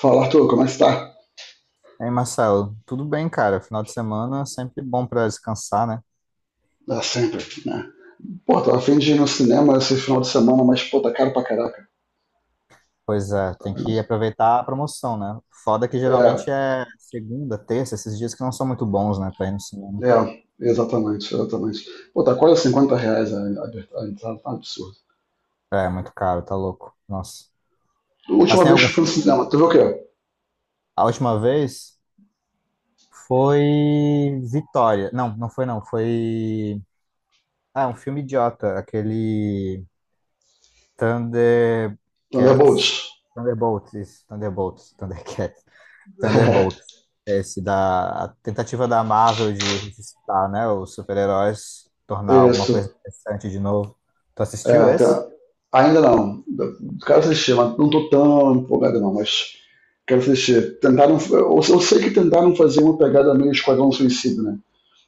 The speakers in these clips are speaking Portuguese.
Fala, Arthur, como é que você tá? Ei, Marcelo, tudo bem, cara? Final de semana é sempre bom pra descansar, né? Dá sempre, né? Pô, tava afim de ir no cinema esse final de semana, mas, pô, tá caro pra caraca. Pois é, Tá, tem que vendo? aproveitar a promoção, né? Foda que É, geralmente é segunda, terça, esses dias que não são muito bons, né, pra ir no cinema. é, exatamente, exatamente. Pô, tá quase R$ 50 a entrada, tá um absurdo. É, é muito caro, tá louco. Nossa. A Mas última tem vez que algum eu fui no filme? cinema, tu viu o quê? A última vez foi Vitória. Não, não foi não, foi ah, um filme idiota, aquele Thunderbolts. Thundercats. Thunderbolts, isso, Thunderbolts, Thundercats. Thunderbolts, esse da a tentativa da Marvel de ressuscitar, né, os super-heróis, tornar É, alguma coisa isso. interessante de novo. Tu É, assistiu esse? ainda não. Quero assistir, mas não tô tão empolgado não, mas quero assistir. Tentaram, eu sei que tentaram fazer uma pegada meio Esquadrão Suicida, né?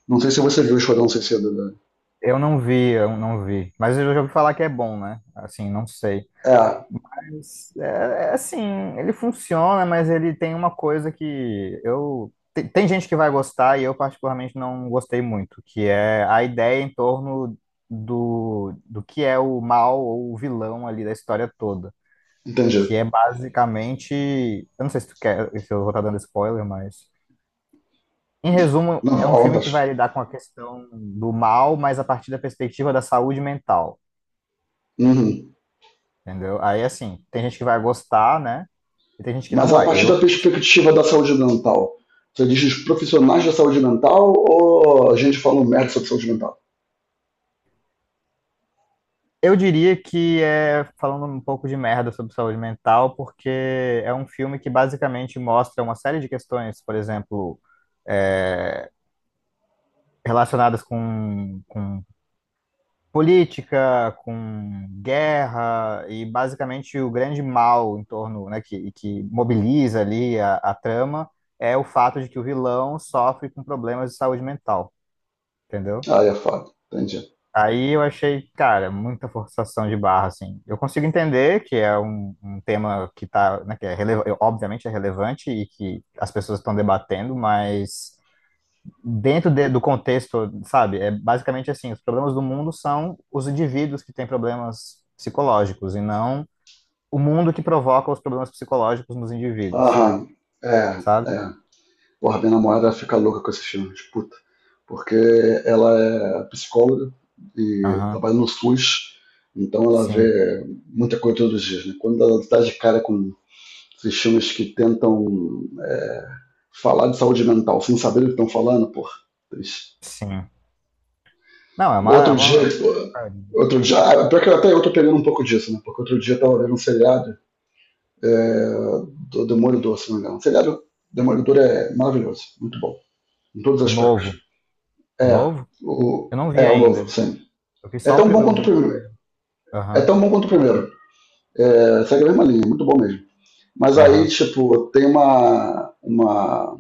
Não sei se você viu o Esquadrão Suicida, né? Eu não vi, eu não vi. Mas eu já ouvi falar que é bom, né? Assim, não sei. É. Mas, é assim, ele funciona, mas ele tem uma coisa que eu. Tem gente que vai gostar e eu, particularmente, não gostei muito, que é a ideia em torno do que é o mal ou o vilão ali da história toda. Entendi. que é basicamente, eu não sei se tu quer, se eu vou estar dando spoiler, mas em resumo, Não, é um à filme que vontade. vai lidar com a questão do mal, mas a partir da perspectiva da saúde mental, Uhum. entendeu? Aí assim, tem gente que vai gostar, né? E tem gente que não Mas a vai. partir Eu da perspectiva da saúde mental, você diz os profissionais da saúde mental ou a gente fala um merda sobre saúde mental? eu diria que é falando um pouco de merda sobre saúde mental, porque é um filme que basicamente mostra uma série de questões, por exemplo, é, relacionadas com política, com guerra e basicamente o grande mal em torno, né, que mobiliza ali a trama é o fato de que o vilão sofre com problemas de saúde mental, entendeu? Ah, é foda. Entendi. Aí eu achei, cara, muita forçação de barra, assim. Eu consigo entender que é um tema que tá, né, obviamente é relevante e que as pessoas estão debatendo, mas dentro do contexto, sabe? É basicamente assim, os problemas do mundo são os indivíduos que têm problemas psicológicos e não o mundo que provoca os problemas psicológicos nos indivíduos, Aham. É, sabe? é. Porra, minha namorada fica louca com esses filmes, puta. Porque ela é psicóloga e Aham. trabalha no SUS, então ela Sim, vê muita coisa todos os dias, né? Quando ela dá de cara com esses filmes que tentam é, falar de saúde mental sem saber o que estão falando, pô. sim. Não, é uma, é Outro dia, uma... outro dia, ah, pior que até eu tô pegando um pouco disso, né? Porque outro dia eu tava vendo um seriado é, do Demolidor, se não me engano. O seriado Demolidor é maravilhoso, muito bom, em todos os O aspectos. novo. O É, novo? Eu não vi o novo, ainda. sim. Eu vi É só o... tão bom quanto o primeiro. É Aham, tão bom quanto o primeiro. É, segue a mesma linha, muito bom mesmo. Mas aí, aham, tipo, tem uma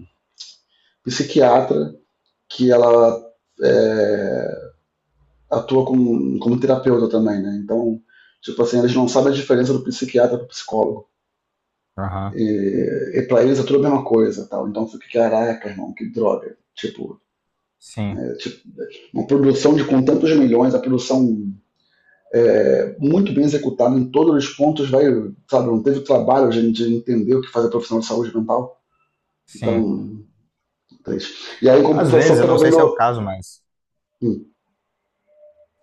psiquiatra que ela é, atua como terapeuta também, né? Então, tipo assim, eles não sabem a diferença do psiquiatra pro psicólogo. aham. E pra eles é tudo a mesma coisa, tal. Então, fica, caraca, irmão, que droga. Tipo, Sim, é, tipo, uma produção de com tantos milhões, a produção muito bem executada em todos os pontos, vai, sabe, não teve trabalho de entender o que faz a profissional de saúde mental. sim. Então, triste. E aí, em Às compensação, vezes, eu eu não tava sei se é o vendo. caso, mas... Hum,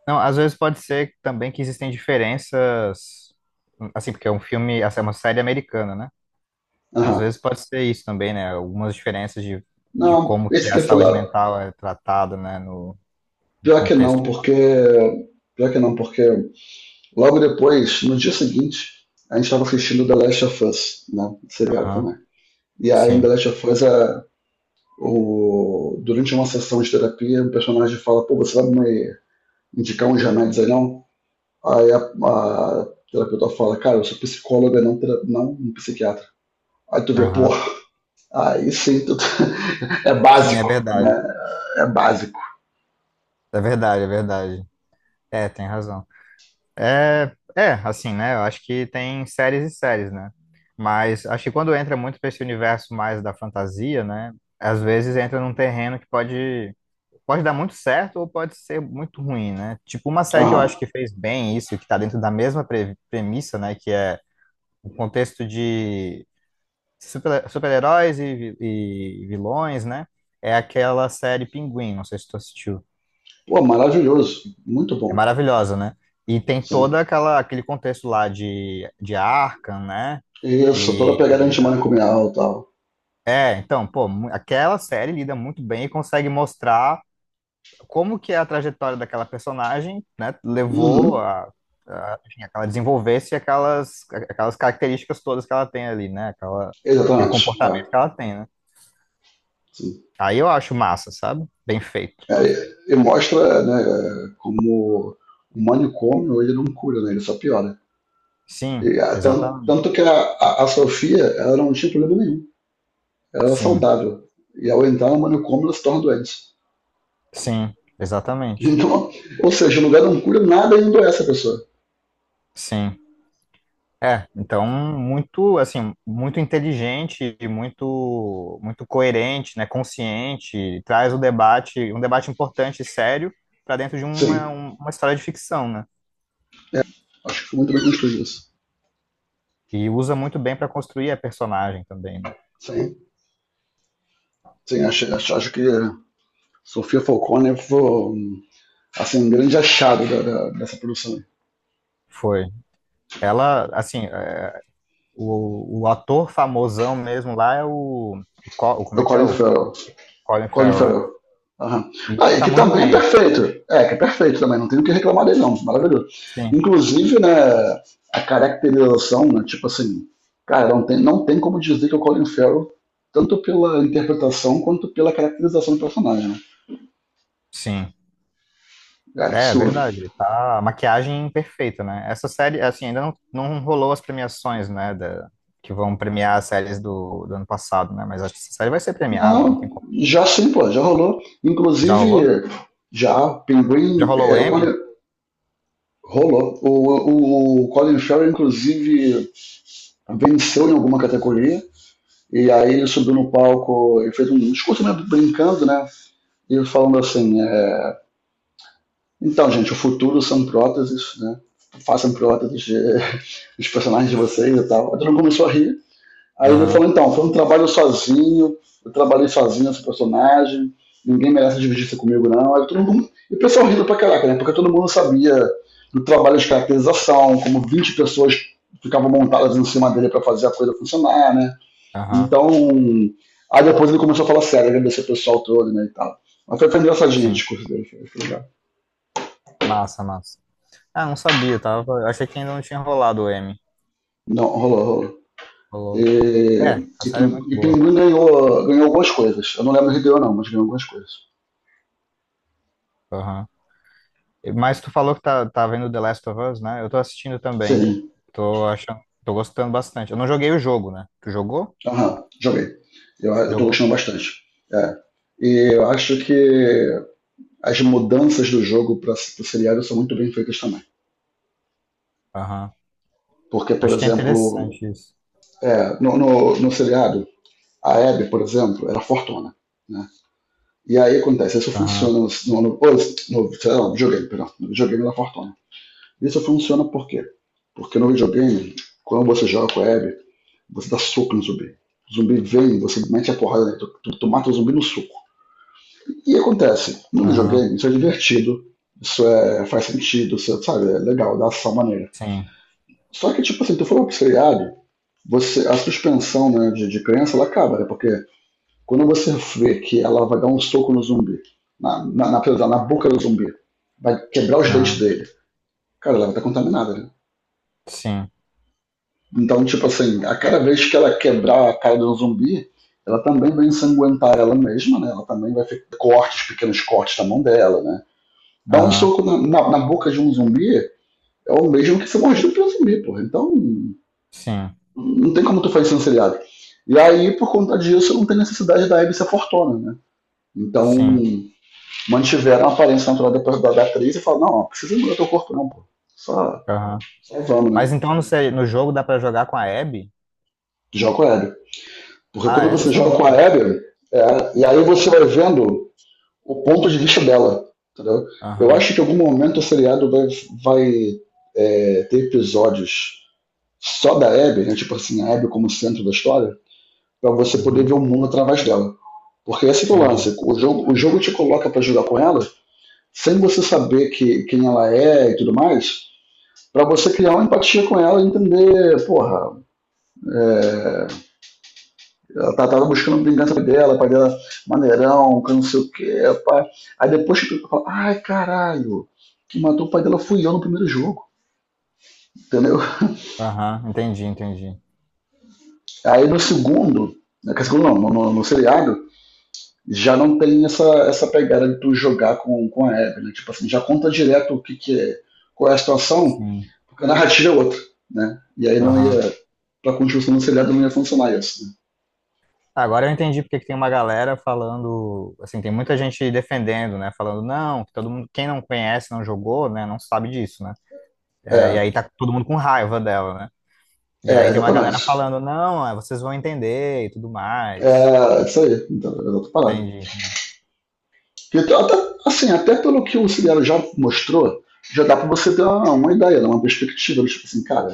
Não, às vezes pode ser também que existem diferenças, assim, porque é um filme, essa é uma série americana, né? Às aham. vezes pode ser isso também, né? Algumas diferenças de, Não, como que esse a que eu ia saúde falar, mental é tratada, né? No, no pior que contexto. não, porque. Pior que não, porque logo depois, no dia seguinte, a gente estava assistindo The Last of Us, né? Seriado Aham, também. E aí, em The sim, Last of Us, durante uma sessão de terapia, o personagem fala: pô, você vai me indicar uns remédios aí não? Aí a terapeuta fala: cara, eu sou psicóloga, não, não um psiquiatra. Aí tu vê, pô, aham. aí sim, tu é Sim, é básico, verdade. né? É básico. É verdade, é verdade. É, tem razão. É, assim, né? Eu acho que tem séries e séries, né? Mas acho que quando entra muito para esse universo mais da fantasia, né? Às vezes entra num terreno que pode dar muito certo ou pode ser muito ruim, né? Tipo, uma série que eu acho Aham. que fez bem isso, que tá dentro da mesma premissa, né? Que é o contexto de super-heróis e, e vilões, né? É aquela série Pinguim, não sei se tu assistiu. Pô, maravilhoso. Muito É bom. maravilhosa, né? E tem toda Sim. aquela aquele contexto lá de Arkham, né? Isso, toda a E pegada antimanicomial e tal. Então, pô, aquela série lida muito bem e consegue mostrar como que é a trajetória daquela personagem, né, levou Uhum. a, enfim, a que ela desenvolvesse aquelas características todas que ela tem ali, né? Aquele Exatamente. comportamento que É. ela tem, né? Sim. Aí eu acho massa, sabe? Bem feito. É, e mostra, né, como o manicômio ele não cura, né, ele só piora. Sim, E, ah, exatamente. tanto que a Sofia ela não tinha problema nenhum, ela era Sim, saudável. E ao entrar no manicômio ela se torna doente. sim, exatamente. Então, ou seja, o lugar não cura nada e endoece a pessoa. Sim. É, então muito assim, muito inteligente e muito coerente, né, consciente, traz o debate, um debate importante e sério para dentro de uma, Sim, um- uma história de ficção, né? acho que foi muito bem construído isso. E usa muito bem para construir a personagem também, né? Sim, sim, acho que Sofia Falcone foi um, assim, um grande achado dessa produção. Foi. Ela, assim, é, o ator famosão mesmo lá é o. Como O é que é? Colin O Farrell. Colin Colin Farrell, né? Farrell. Aham. E Ah, ele e tá que muito também é bem. perfeito. É, que é perfeito também, não tenho o que reclamar dele, não. Maravilhoso. Sim, Inclusive, né, a caracterização, né, tipo assim, cara, não tem como dizer que é o Colin Farrell, tanto pela interpretação quanto pela caracterização do personagem. Né? sim. É É, é absurdo. verdade. Ele tá a maquiagem perfeita, né? Essa série, assim, ainda não, não rolou as premiações, né? Que vão premiar as séries do ano passado, né? Mas acho que essa série vai ser premiada, não tem Não, como. já sim, pô, já rolou. Já rolou? Inclusive, já, Já Pinguim, rolou o o Colin, M? rolou. O Colin Farrell, inclusive, venceu em alguma categoria. E aí ele subiu no palco e fez um discurso, né, brincando, né? E falando assim, então, gente, o futuro são próteses, né? Façam próteses dos personagens de vocês e tal. Aí todo mundo começou a rir. Aí ele falou, Aham, então, foi um trabalho sozinho, eu trabalhei sozinho esse personagem, ninguém merece dividir-se comigo, não. Aí todo mundo, e o pessoal rindo pra caraca, né? Porque todo mundo sabia do trabalho de caracterização, como 20 pessoas ficavam montadas em cima dele para fazer a coisa funcionar, né? aham. Então, aí depois ele começou a falar sério, agradecer o pessoal todo, né, e tal. Mas foi, engraçadinho o Sim. discurso dele, foi, legal. Massa, massa. Ah, não sabia, tava. Eu achei que ainda não tinha rolado o M. Não, rolou, rolou. Rolou. E, É, a série é muito e, e boa. Pinguim ganhou, algumas coisas. Eu não lembro se ganhou, não, mas ganhou algumas coisas. Aham. Mas tu falou que tá vendo The Last of Us, né? Eu tô assistindo também. Sim, Tô achando, tô gostando bastante. Eu não joguei o jogo, né? Tu jogou? aham, joguei. Eu tô gostando Jogou? bastante. É. E eu acho que as mudanças do jogo para o seriado são muito bem feitas também. Aham. Porque, por Acho que é exemplo, interessante isso. No seriado, a Abby, por exemplo, era fortuna. Né? E aí acontece, isso Aham. funciona sei lá, no videogame, perdão, no videogame da Fortuna. Isso funciona por quê? Porque no videogame, quando você joga com a Abby, você dá soco no zumbi. O zumbi vem, você mete a porrada nele, tu mata o zumbi no soco. E acontece, no Aham. videogame, isso é divertido, isso faz sentido, isso, sabe, é legal, dá ação maneira. Sim. Só que, tipo assim, tu for pro seriado, você, a suspensão, né, de crença ela acaba, né? Porque quando você vê que ela vai dar um soco no zumbi, na boca do zumbi, vai quebrar os dentes Aham. dele, cara, ela vai estar contaminada. Né? Sim. Então, tipo assim, a cada vez que ela quebrar a cara de um zumbi, ela também vai ensanguentar ela mesma, né? Ela também vai ter cortes, pequenos cortes na mão dela, né? Dar um Aham. soco na boca de um zumbi é o mesmo que ser mordido por um zumbi, porra. Então, Sim. não tem como tu fazer isso no seriado. E aí, por conta disso, não tem necessidade da Abby ser fortuna, né? Então, Sim. mantiveram a aparência natural depois da atriz e falaram, não, não precisa mudar teu corpo não, pô. Só, Aham. só vamos, né? Mas então, não sei, no jogo dá pra jogar com a Abby? Joga com a Abby. Porque Ah, quando é? Não você joga com a sabia. Abby, e aí você vai vendo o ponto de vista dela, entendeu? Eu Aham. acho que em algum momento o seriado vai ter episódios só da Abby, né? Tipo assim, a Abby como centro da história, para você poder ver Uhum. o mundo através dela. Porque esse que é o Entendi. lance, o jogo, te coloca para jogar com ela, sem você saber que, quem ela é e tudo mais, para você criar uma empatia com ela e entender, porra, é, ela tava buscando vingança dela, pai dela maneirão, que não sei o que, pá. Aí depois tu fala, ai caralho, que matou o pai dela fui eu no primeiro jogo, entendeu? Aham. Entendi, entendi. Aí no segundo, no segundo não, no seriado, já não tem essa, pegada de tu jogar com a Abby, né? Tipo assim, já conta direto o que, é, qual é a situação, Sim. porque a narrativa é outra, né? E aí não Aham. ia, pra continuação do seriado não ia funcionar isso, né? Agora eu entendi porque que tem uma galera falando, assim, tem muita gente defendendo, né? Falando, não, que todo mundo, quem não conhece, não jogou, né? Não sabe disso, né? É, e aí tá todo mundo com raiva dela, né? E É, é, aí tem uma galera exatamente. falando, não, é, vocês vão entender e tudo mais. É, isso aí, então, é outra parada. Entendi. Porque até, assim, até pelo que o Ciliano já mostrou, já dá para você ter uma ideia, né, uma perspectiva, tipo assim, cara,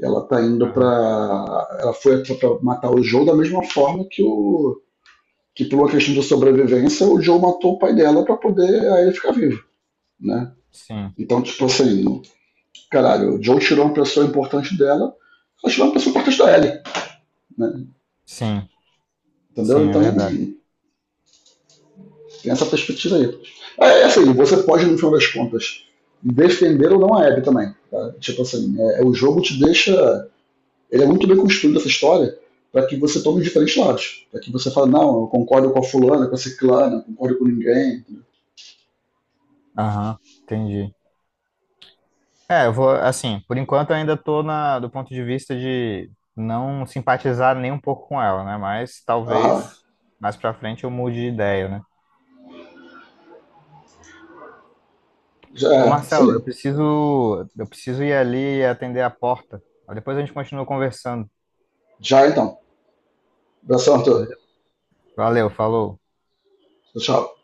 ela tá indo Aham. para ela foi para matar o Joe da mesma forma que o que por uma questão de sobrevivência o Joe matou o pai dela para poder aí ele ficar vivo, né? Sim, Então, tipo assim, caralho, o Joe tirou uma pessoa importante dela, ela tirou uma pessoa importante da Ellie, né? sim, sim, Entendeu? é Então, verdade. tem essa perspectiva aí. É assim, você pode, no final das contas, defender ou não a Abby também. Tá? Tipo assim, o jogo te deixa. Ele é muito bem construído essa história para que você tome diferentes lados. Para que você fale, não, eu concordo com a fulana, com a ciclana, concordo com ninguém. Aham, entendi. É, eu vou, assim, por enquanto eu ainda tô na, do ponto de vista de não simpatizar nem um pouco com ela, né? Mas Ah, talvez mais pra frente eu mude de ideia, né? já Ô é, isso Marcelo, aí. Eu preciso ir ali e atender a porta. Depois a gente continua conversando, Já então. Abração, Arthur. beleza? Valeu, falou. Tchau.